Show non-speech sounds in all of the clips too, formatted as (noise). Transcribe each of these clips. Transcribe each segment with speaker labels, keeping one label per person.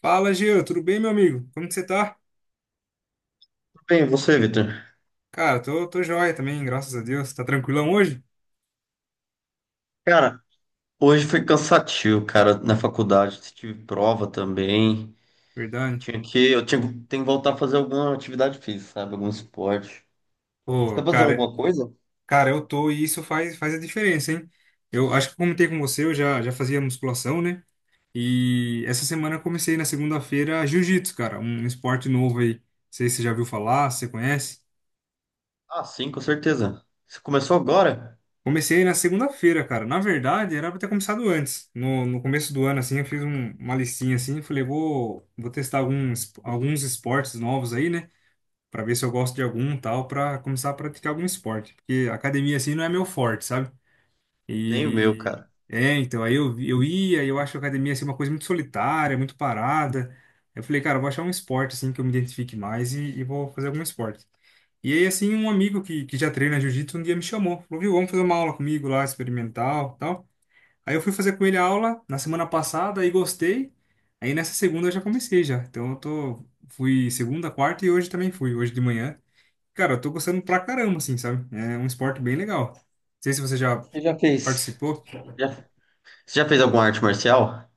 Speaker 1: Fala, Gil, tudo bem, meu amigo? Como que você tá?
Speaker 2: Bem, você, Vitor?
Speaker 1: Cara, tô joia também, graças a Deus. Tá tranquilão hoje?
Speaker 2: Cara, hoje foi cansativo, cara, na faculdade. Tive prova também.
Speaker 1: Verdade.
Speaker 2: Tinha que, eu tinha, tenho que voltar a fazer alguma atividade física, sabe? Algum esporte. Você
Speaker 1: Pô,
Speaker 2: tá fazendo
Speaker 1: cara,
Speaker 2: alguma coisa?
Speaker 1: cara, eu tô e isso faz a diferença, hein? Eu acho que eu comentei com você, eu já fazia musculação, né? E essa semana eu comecei na segunda-feira jiu-jitsu, cara, um esporte novo aí. Não sei se você já viu falar, se você conhece.
Speaker 2: Ah, sim, com certeza. Você começou agora?
Speaker 1: Comecei na segunda-feira, cara. Na verdade, era pra ter começado antes. No começo do ano, assim, eu fiz uma listinha assim, falei, vou testar alguns esportes novos aí, né? Para ver se eu gosto de algum tal, para começar a praticar algum esporte, porque academia assim não é meu forte, sabe?
Speaker 2: Nem o meu,
Speaker 1: E
Speaker 2: cara.
Speaker 1: é, então aí eu ia, e eu acho a academia assim uma coisa muito solitária, muito parada. Eu falei, cara, eu vou achar um esporte assim que eu me identifique mais e vou fazer algum esporte. E aí assim, um amigo que já treina jiu-jitsu um dia me chamou, falou, viu, vamos fazer uma aula comigo lá, experimental, tal. Aí eu fui fazer com ele a aula na semana passada e gostei. Aí nessa segunda eu já comecei já. Então eu tô fui segunda, quarta e hoje também fui, hoje de manhã. Cara, eu tô gostando pra caramba, assim, sabe? É um esporte bem legal. Não sei se você já
Speaker 2: Você já fez?
Speaker 1: participou.
Speaker 2: Já, você já fez alguma arte marcial?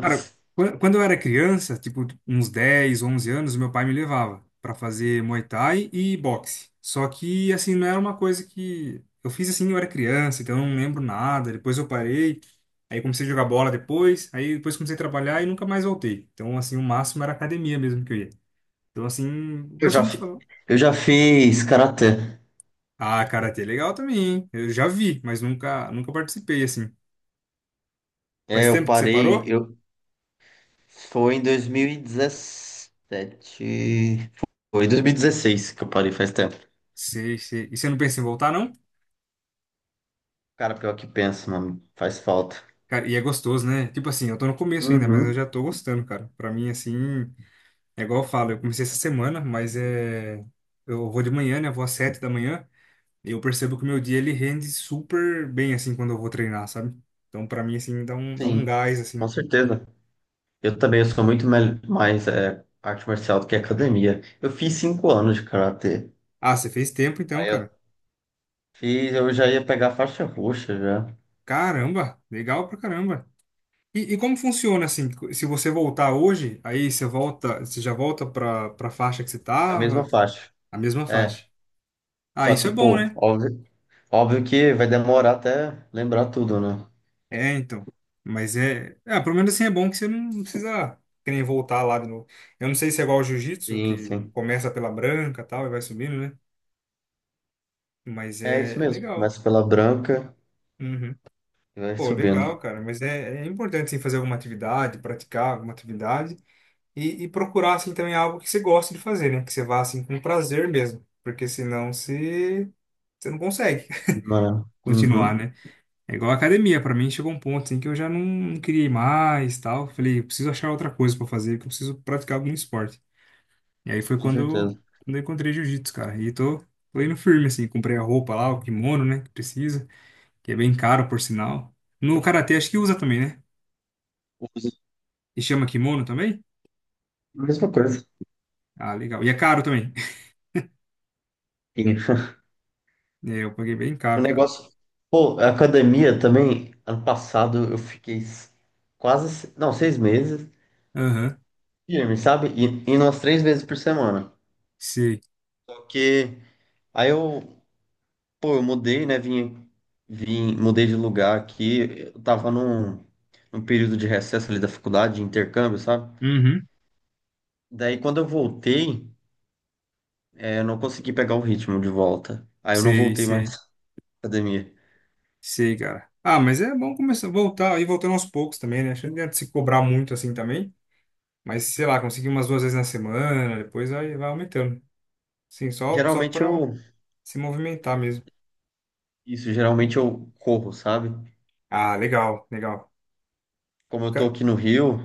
Speaker 1: Cara, quando eu era criança, tipo, uns 10 11 anos, meu pai me levava pra fazer Muay Thai e boxe. Só que, assim, não era uma coisa que... Eu fiz, assim, eu era criança, então eu não lembro nada. Depois eu parei, aí comecei a jogar bola depois, aí depois comecei a trabalhar e nunca mais voltei. Então, assim, o máximo era academia mesmo que eu ia. Então, assim,
Speaker 2: Eu já
Speaker 1: costumo
Speaker 2: fiz.
Speaker 1: falar...
Speaker 2: Eu já fiz karatê.
Speaker 1: Ah, karatê é legal também, hein? Eu já vi, mas nunca participei, assim.
Speaker 2: É,
Speaker 1: Faz
Speaker 2: eu
Speaker 1: tempo que você
Speaker 2: parei.
Speaker 1: parou?
Speaker 2: Foi em 2017. Foi em 2016 que eu parei, faz tempo.
Speaker 1: Sei, sei. E você não pensa em voltar, não?
Speaker 2: Cara, pior que pensa, mano. Faz falta.
Speaker 1: Cara, e é gostoso, né? Tipo assim, eu tô no começo ainda, mas eu
Speaker 2: Uhum,
Speaker 1: já tô gostando, cara. Pra mim, assim, é igual eu falo, eu comecei essa semana, mas é. Eu vou de manhã, né? Eu vou às sete da manhã. E eu percebo que o meu dia ele rende super bem, assim, quando eu vou treinar, sabe? Então, pra mim, assim, dá um
Speaker 2: sim,
Speaker 1: gás,
Speaker 2: com
Speaker 1: assim.
Speaker 2: certeza. Eu também eu sou mais é, arte marcial do que academia. Eu fiz cinco anos de karatê.
Speaker 1: Ah, você fez tempo então,
Speaker 2: Aí eu
Speaker 1: cara.
Speaker 2: fiz, eu já ia pegar a faixa roxa já.
Speaker 1: Caramba, legal pra caramba. E como funciona assim? Se você voltar hoje, aí você volta, você já volta pra faixa que você
Speaker 2: A mesma
Speaker 1: tava?
Speaker 2: faixa.
Speaker 1: A mesma
Speaker 2: É.
Speaker 1: faixa. Ah,
Speaker 2: Só
Speaker 1: isso
Speaker 2: que,
Speaker 1: é bom,
Speaker 2: pô,
Speaker 1: né?
Speaker 2: óbvio que vai demorar até lembrar tudo, né?
Speaker 1: É, então. Mas é. Ah, pelo menos assim é bom que você não precisa que nem voltar lá de novo. Eu não sei se é igual ao jiu-jitsu,
Speaker 2: Sim,
Speaker 1: que
Speaker 2: sim.
Speaker 1: começa pela branca e tal e vai subindo, né? Mas
Speaker 2: É isso
Speaker 1: é
Speaker 2: mesmo.
Speaker 1: legal.
Speaker 2: Começa pela branca
Speaker 1: Uhum.
Speaker 2: e vai
Speaker 1: Pô, legal,
Speaker 2: subindo.
Speaker 1: cara. Mas é, é importante assim, fazer alguma atividade, praticar alguma atividade e procurar assim também algo que você goste de fazer, né? Que você vá assim com prazer mesmo. Porque senão você não consegue
Speaker 2: Demorando.
Speaker 1: (laughs) continuar,
Speaker 2: Uhum,
Speaker 1: né? É igual a academia, pra mim chegou um ponto assim que eu já não queria ir mais, tal. Falei, eu preciso achar outra coisa pra fazer, que eu preciso praticar algum esporte. E aí foi
Speaker 2: com certeza.
Speaker 1: quando eu encontrei jiu-jitsu, cara. E tô indo firme assim, comprei a roupa lá, o kimono, né, que precisa, que é bem caro por sinal. No karatê acho que usa também, né? E chama kimono também?
Speaker 2: Mesma coisa.
Speaker 1: Ah, legal. E é caro também. (laughs)
Speaker 2: Sim. (laughs)
Speaker 1: É, eu paguei bem
Speaker 2: O
Speaker 1: caro, cara.
Speaker 2: negócio. Pô, a academia também, ano passado eu fiquei s- quase, se- não, seis meses,
Speaker 1: Aham.
Speaker 2: firme, sabe? E indo umas três vezes por semana.
Speaker 1: Sei.
Speaker 2: Só que aí eu, pô, eu mudei, né? Vim, mudei de lugar aqui. Num período de recesso ali da faculdade, de intercâmbio, sabe?
Speaker 1: Uhum.
Speaker 2: Daí quando eu voltei, é, eu não consegui pegar o ritmo de volta. Aí eu não
Speaker 1: Sei,
Speaker 2: voltei
Speaker 1: sei.
Speaker 2: mais à academia.
Speaker 1: Sei, cara. Ah, mas é bom começar a voltar e voltando aos poucos também, né? Acho que não adianta se cobrar muito assim também. Mas, sei lá, consegui umas duas vezes na semana, depois vai aumentando. Sim, só
Speaker 2: Geralmente
Speaker 1: pra
Speaker 2: eu,
Speaker 1: se movimentar mesmo.
Speaker 2: isso, geralmente eu corro, sabe?
Speaker 1: Ah, legal, legal.
Speaker 2: Como eu tô
Speaker 1: Ca-
Speaker 2: aqui no Rio.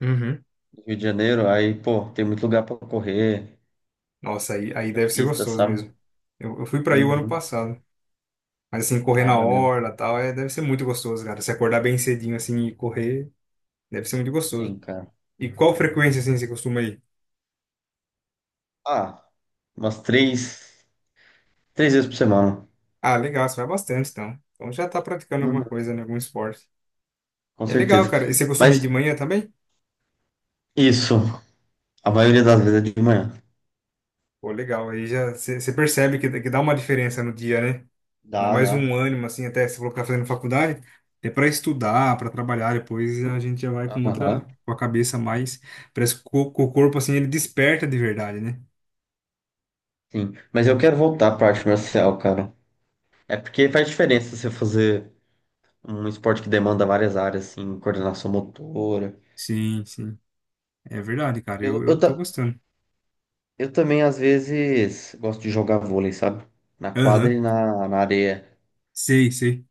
Speaker 1: Uhum.
Speaker 2: Rio de Janeiro, aí, pô, tem muito lugar pra correr,
Speaker 1: Nossa, aí
Speaker 2: muita
Speaker 1: deve ser
Speaker 2: pista,
Speaker 1: gostoso
Speaker 2: sabe?
Speaker 1: mesmo. Eu fui pra aí o ano
Speaker 2: Uhum.
Speaker 1: passado. Mas, assim, correr
Speaker 2: Ah,
Speaker 1: na
Speaker 2: maneiro.
Speaker 1: orla e tal, é, deve ser muito gostoso, cara. Se acordar bem cedinho, assim, e correr, deve ser muito
Speaker 2: Sim,
Speaker 1: gostoso.
Speaker 2: cara.
Speaker 1: E qual frequência, assim, você costuma ir?
Speaker 2: Ah, umas três, três vezes por semana.
Speaker 1: Ah, legal, você vai bastante, então. Então já tá praticando alguma
Speaker 2: Uhum.
Speaker 1: coisa, né, algum esporte.
Speaker 2: Com
Speaker 1: E é legal,
Speaker 2: certeza.
Speaker 1: cara. E você costuma ir
Speaker 2: Mas
Speaker 1: de manhã também?
Speaker 2: isso, a maioria das vezes é de manhã.
Speaker 1: Pô, legal. Aí já você percebe que dá uma diferença no dia, né? Dá
Speaker 2: Dá,
Speaker 1: mais um
Speaker 2: dá.
Speaker 1: ânimo, assim, até se colocar fazendo faculdade, é para estudar, para trabalhar, depois a gente já vai com outra,
Speaker 2: Aham,
Speaker 1: com a cabeça mais. Parece que o corpo, assim, ele desperta de verdade, né?
Speaker 2: sim. Mas eu quero voltar pra arte marcial, cara. É porque faz diferença você fazer um esporte que demanda várias áreas, assim, coordenação motora.
Speaker 1: Sim, sim. É verdade, cara.
Speaker 2: Eu,
Speaker 1: Eu,
Speaker 2: eu,
Speaker 1: eu tô
Speaker 2: ta-
Speaker 1: gostando.
Speaker 2: eu também, às vezes, gosto de jogar vôlei, sabe? Na quadra
Speaker 1: Aham,
Speaker 2: e na areia.
Speaker 1: sei, sei.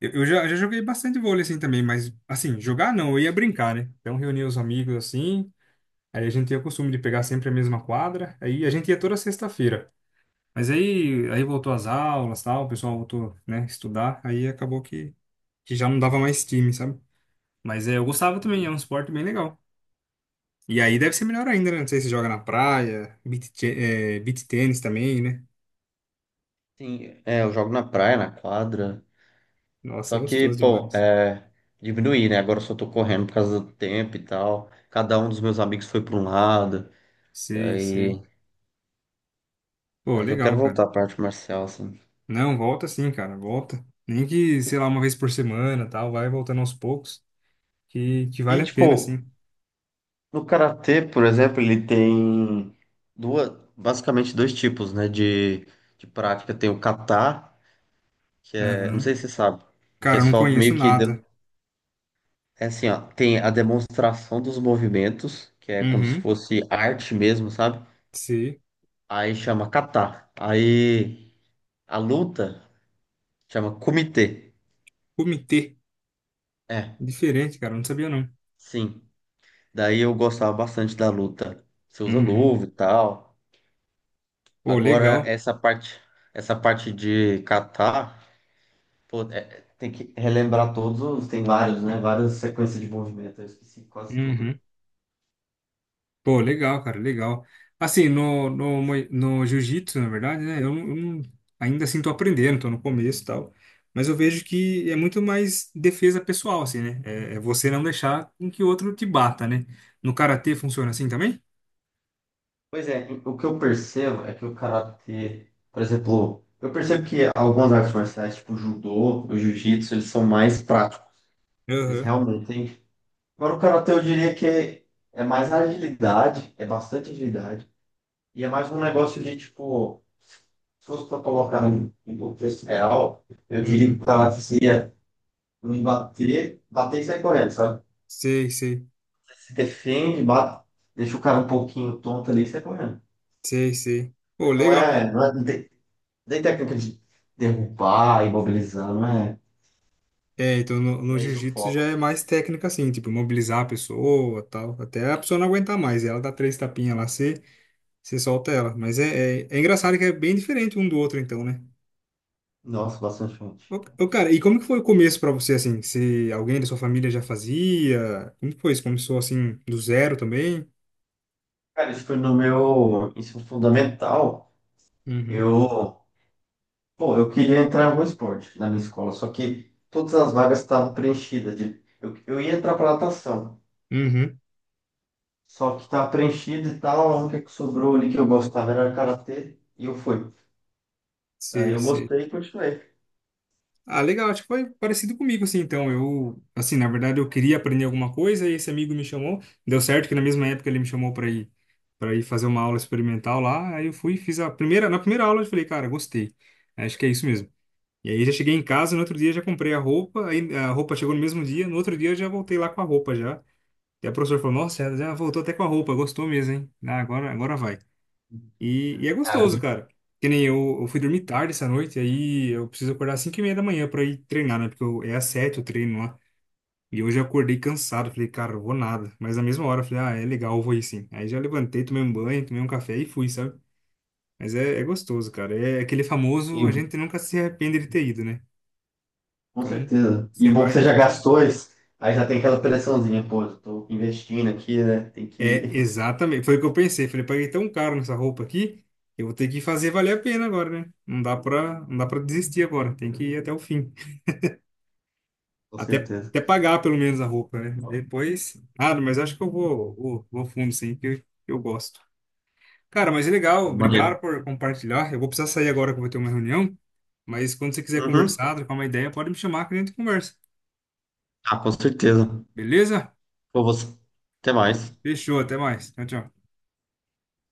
Speaker 1: Eu já joguei bastante vôlei, assim, também, mas, assim, jogar não, eu ia brincar, né? Então, reunia os amigos, assim, aí a gente tinha o costume de pegar sempre a mesma quadra, aí a gente ia toda sexta-feira. Mas aí voltou às aulas, tal, o pessoal voltou, né, estudar, aí acabou que já não dava mais time, sabe? Mas é, eu gostava também, é
Speaker 2: Entendi.
Speaker 1: um esporte bem legal. E aí deve ser melhor ainda, né? Não sei se joga na praia, beach tênis também, né?
Speaker 2: Sim, é, eu jogo na praia, na quadra.
Speaker 1: Nossa, é
Speaker 2: Só que,
Speaker 1: gostoso
Speaker 2: pô,
Speaker 1: demais.
Speaker 2: é, diminuí, né? Agora eu só tô correndo por causa do tempo e tal. Cada um dos meus amigos foi pra um lado.
Speaker 1: Sei, sei.
Speaker 2: Daí...
Speaker 1: Pô,
Speaker 2: Mas eu quero
Speaker 1: legal, cara.
Speaker 2: voltar pra arte marcial, assim.
Speaker 1: Não, volta sim, cara, volta. Nem que, sei lá, uma vez por semana, tal, vai voltando aos poucos, que vale
Speaker 2: E,
Speaker 1: a pena,
Speaker 2: tipo,
Speaker 1: sim.
Speaker 2: no karatê, por exemplo, ele tem duas, basicamente dois tipos, né? De prática. Tem o kata, que é, não
Speaker 1: Aham.
Speaker 2: sei se você sabe, que é
Speaker 1: Cara, eu não
Speaker 2: só
Speaker 1: conheço
Speaker 2: meio que. De-
Speaker 1: nada.
Speaker 2: É assim, ó, tem a demonstração dos movimentos, que é como se
Speaker 1: Uhum,
Speaker 2: fosse arte mesmo, sabe?
Speaker 1: sei.
Speaker 2: Aí chama kata. Aí a luta chama kumite.
Speaker 1: Comitê.
Speaker 2: É,
Speaker 1: Diferente, cara. Eu não sabia, não.
Speaker 2: sim. Daí eu gostava bastante da luta. Você usa
Speaker 1: Uhum.
Speaker 2: luva e tal.
Speaker 1: Pô,
Speaker 2: Agora
Speaker 1: legal.
Speaker 2: essa parte de kata, pô, tem que relembrar todos os, tem vários, né? Várias sequências de movimento. Eu esqueci quase tudo.
Speaker 1: Uhum. Pô, legal, cara. Legal. Assim, no jiu-jitsu, na verdade, né? Eu não- Ainda assim tô aprendendo, tô no começo e tal. Mas eu vejo que é muito mais defesa pessoal, assim, né? É, é você não deixar com que o outro te bata, né? No karatê funciona assim também?
Speaker 2: Pois é, o que eu percebo é que o karatê, por exemplo, eu percebo que algumas artes marciais, tipo judô, o jiu-jitsu, eles são mais práticos. Eles
Speaker 1: Aham.
Speaker 2: realmente agora, o karatê eu diria que é mais agilidade, é bastante agilidade. E é mais um negócio de, tipo, se fosse para colocar em contexto real, eu diria que o
Speaker 1: Uhum.
Speaker 2: karatê seria não bater, bater e sair correndo, sabe?
Speaker 1: Sei, sei.
Speaker 2: Se defende, bate, deixa o cara um pouquinho tonto ali e sai correndo.
Speaker 1: Sei, sei. Pô, legal.
Speaker 2: Não tem técnica de derrubar, imobilizar,
Speaker 1: É, então no,
Speaker 2: não
Speaker 1: no
Speaker 2: é esse o
Speaker 1: jiu-jitsu já
Speaker 2: foco.
Speaker 1: é mais técnica assim, tipo, mobilizar a pessoa, tal, até a pessoa não aguentar mais, ela dá três tapinhas lá, você solta ela, mas é engraçado que é bem diferente um do outro então, né?
Speaker 2: Nossa, bastante forte.
Speaker 1: Ô, cara, e como que foi o começo pra você, assim, se alguém da sua família já fazia, como que foi isso? Começou assim, do zero também?
Speaker 2: Cara, isso foi no meu ensino fundamental.
Speaker 1: Uhum,
Speaker 2: Eu Bom, eu queria entrar no esporte na minha escola, só que todas as vagas estavam preenchidas. Eu ia entrar para natação,
Speaker 1: uhum,
Speaker 2: só que estava preenchida e tal. A única que sobrou ali que eu gostava era karatê e eu fui. Aí
Speaker 1: sei,
Speaker 2: eu
Speaker 1: sei.
Speaker 2: gostei e continuei.
Speaker 1: Ah, legal, acho que foi parecido comigo, assim, então, eu, assim, na verdade eu queria aprender alguma coisa e esse amigo me chamou, deu certo que na mesma época ele me chamou para ir fazer uma aula experimental lá, aí eu fui, e fiz a primeira, na primeira aula eu falei, cara, gostei, acho que é isso mesmo. E aí já cheguei em casa, no outro dia já comprei a roupa, aí a roupa chegou no mesmo dia, no outro dia eu já voltei lá com a roupa já, e a professora falou, nossa, já voltou até com a roupa, gostou mesmo, hein, ah, agora vai. E é
Speaker 2: Ah,
Speaker 1: gostoso,
Speaker 2: bem,
Speaker 1: cara. Que nem eu fui dormir tarde essa noite, aí eu preciso acordar às 5 e meia da manhã pra ir treinar, né? Porque eu, é às 7 o treino lá. E hoje eu acordei cansado, falei, cara, eu vou nada. Mas na mesma hora eu falei, ah, é legal, eu vou ir sim. Aí já levantei, tomei um banho, tomei um café e fui, sabe? Mas é, é gostoso, cara. É aquele famoso, a
Speaker 2: e
Speaker 1: gente nunca se arrepende de ter ido, né?
Speaker 2: com
Speaker 1: Então,
Speaker 2: certeza. E
Speaker 1: você
Speaker 2: bom que
Speaker 1: vai,
Speaker 2: você já
Speaker 1: treina.
Speaker 2: gastou isso, aí já tem aquela pressãozinha, pô, eu tô investindo aqui, né? Tem
Speaker 1: É,
Speaker 2: que. (laughs)
Speaker 1: exatamente. Foi o que eu pensei. Falei, paguei tão caro nessa roupa aqui, eu vou ter que fazer valer a pena agora, né? Não dá pra desistir agora, tem que ir até o fim.
Speaker 2: Com
Speaker 1: Até,
Speaker 2: certeza.
Speaker 1: até pagar pelo menos a roupa, né? Depois. Ah, mas acho que vou fundo, sim, que eu gosto. Cara, mas é legal,
Speaker 2: Maneiro.
Speaker 1: obrigado por compartilhar. Eu vou precisar sair agora que eu vou ter uma reunião, mas quando você quiser
Speaker 2: Uhum.
Speaker 1: conversar, trocar uma ideia, pode me chamar que a gente conversa.
Speaker 2: Ah, com certeza.
Speaker 1: Beleza?
Speaker 2: Pô, você. Até mais.
Speaker 1: Fechou, até mais. Tchau, tchau.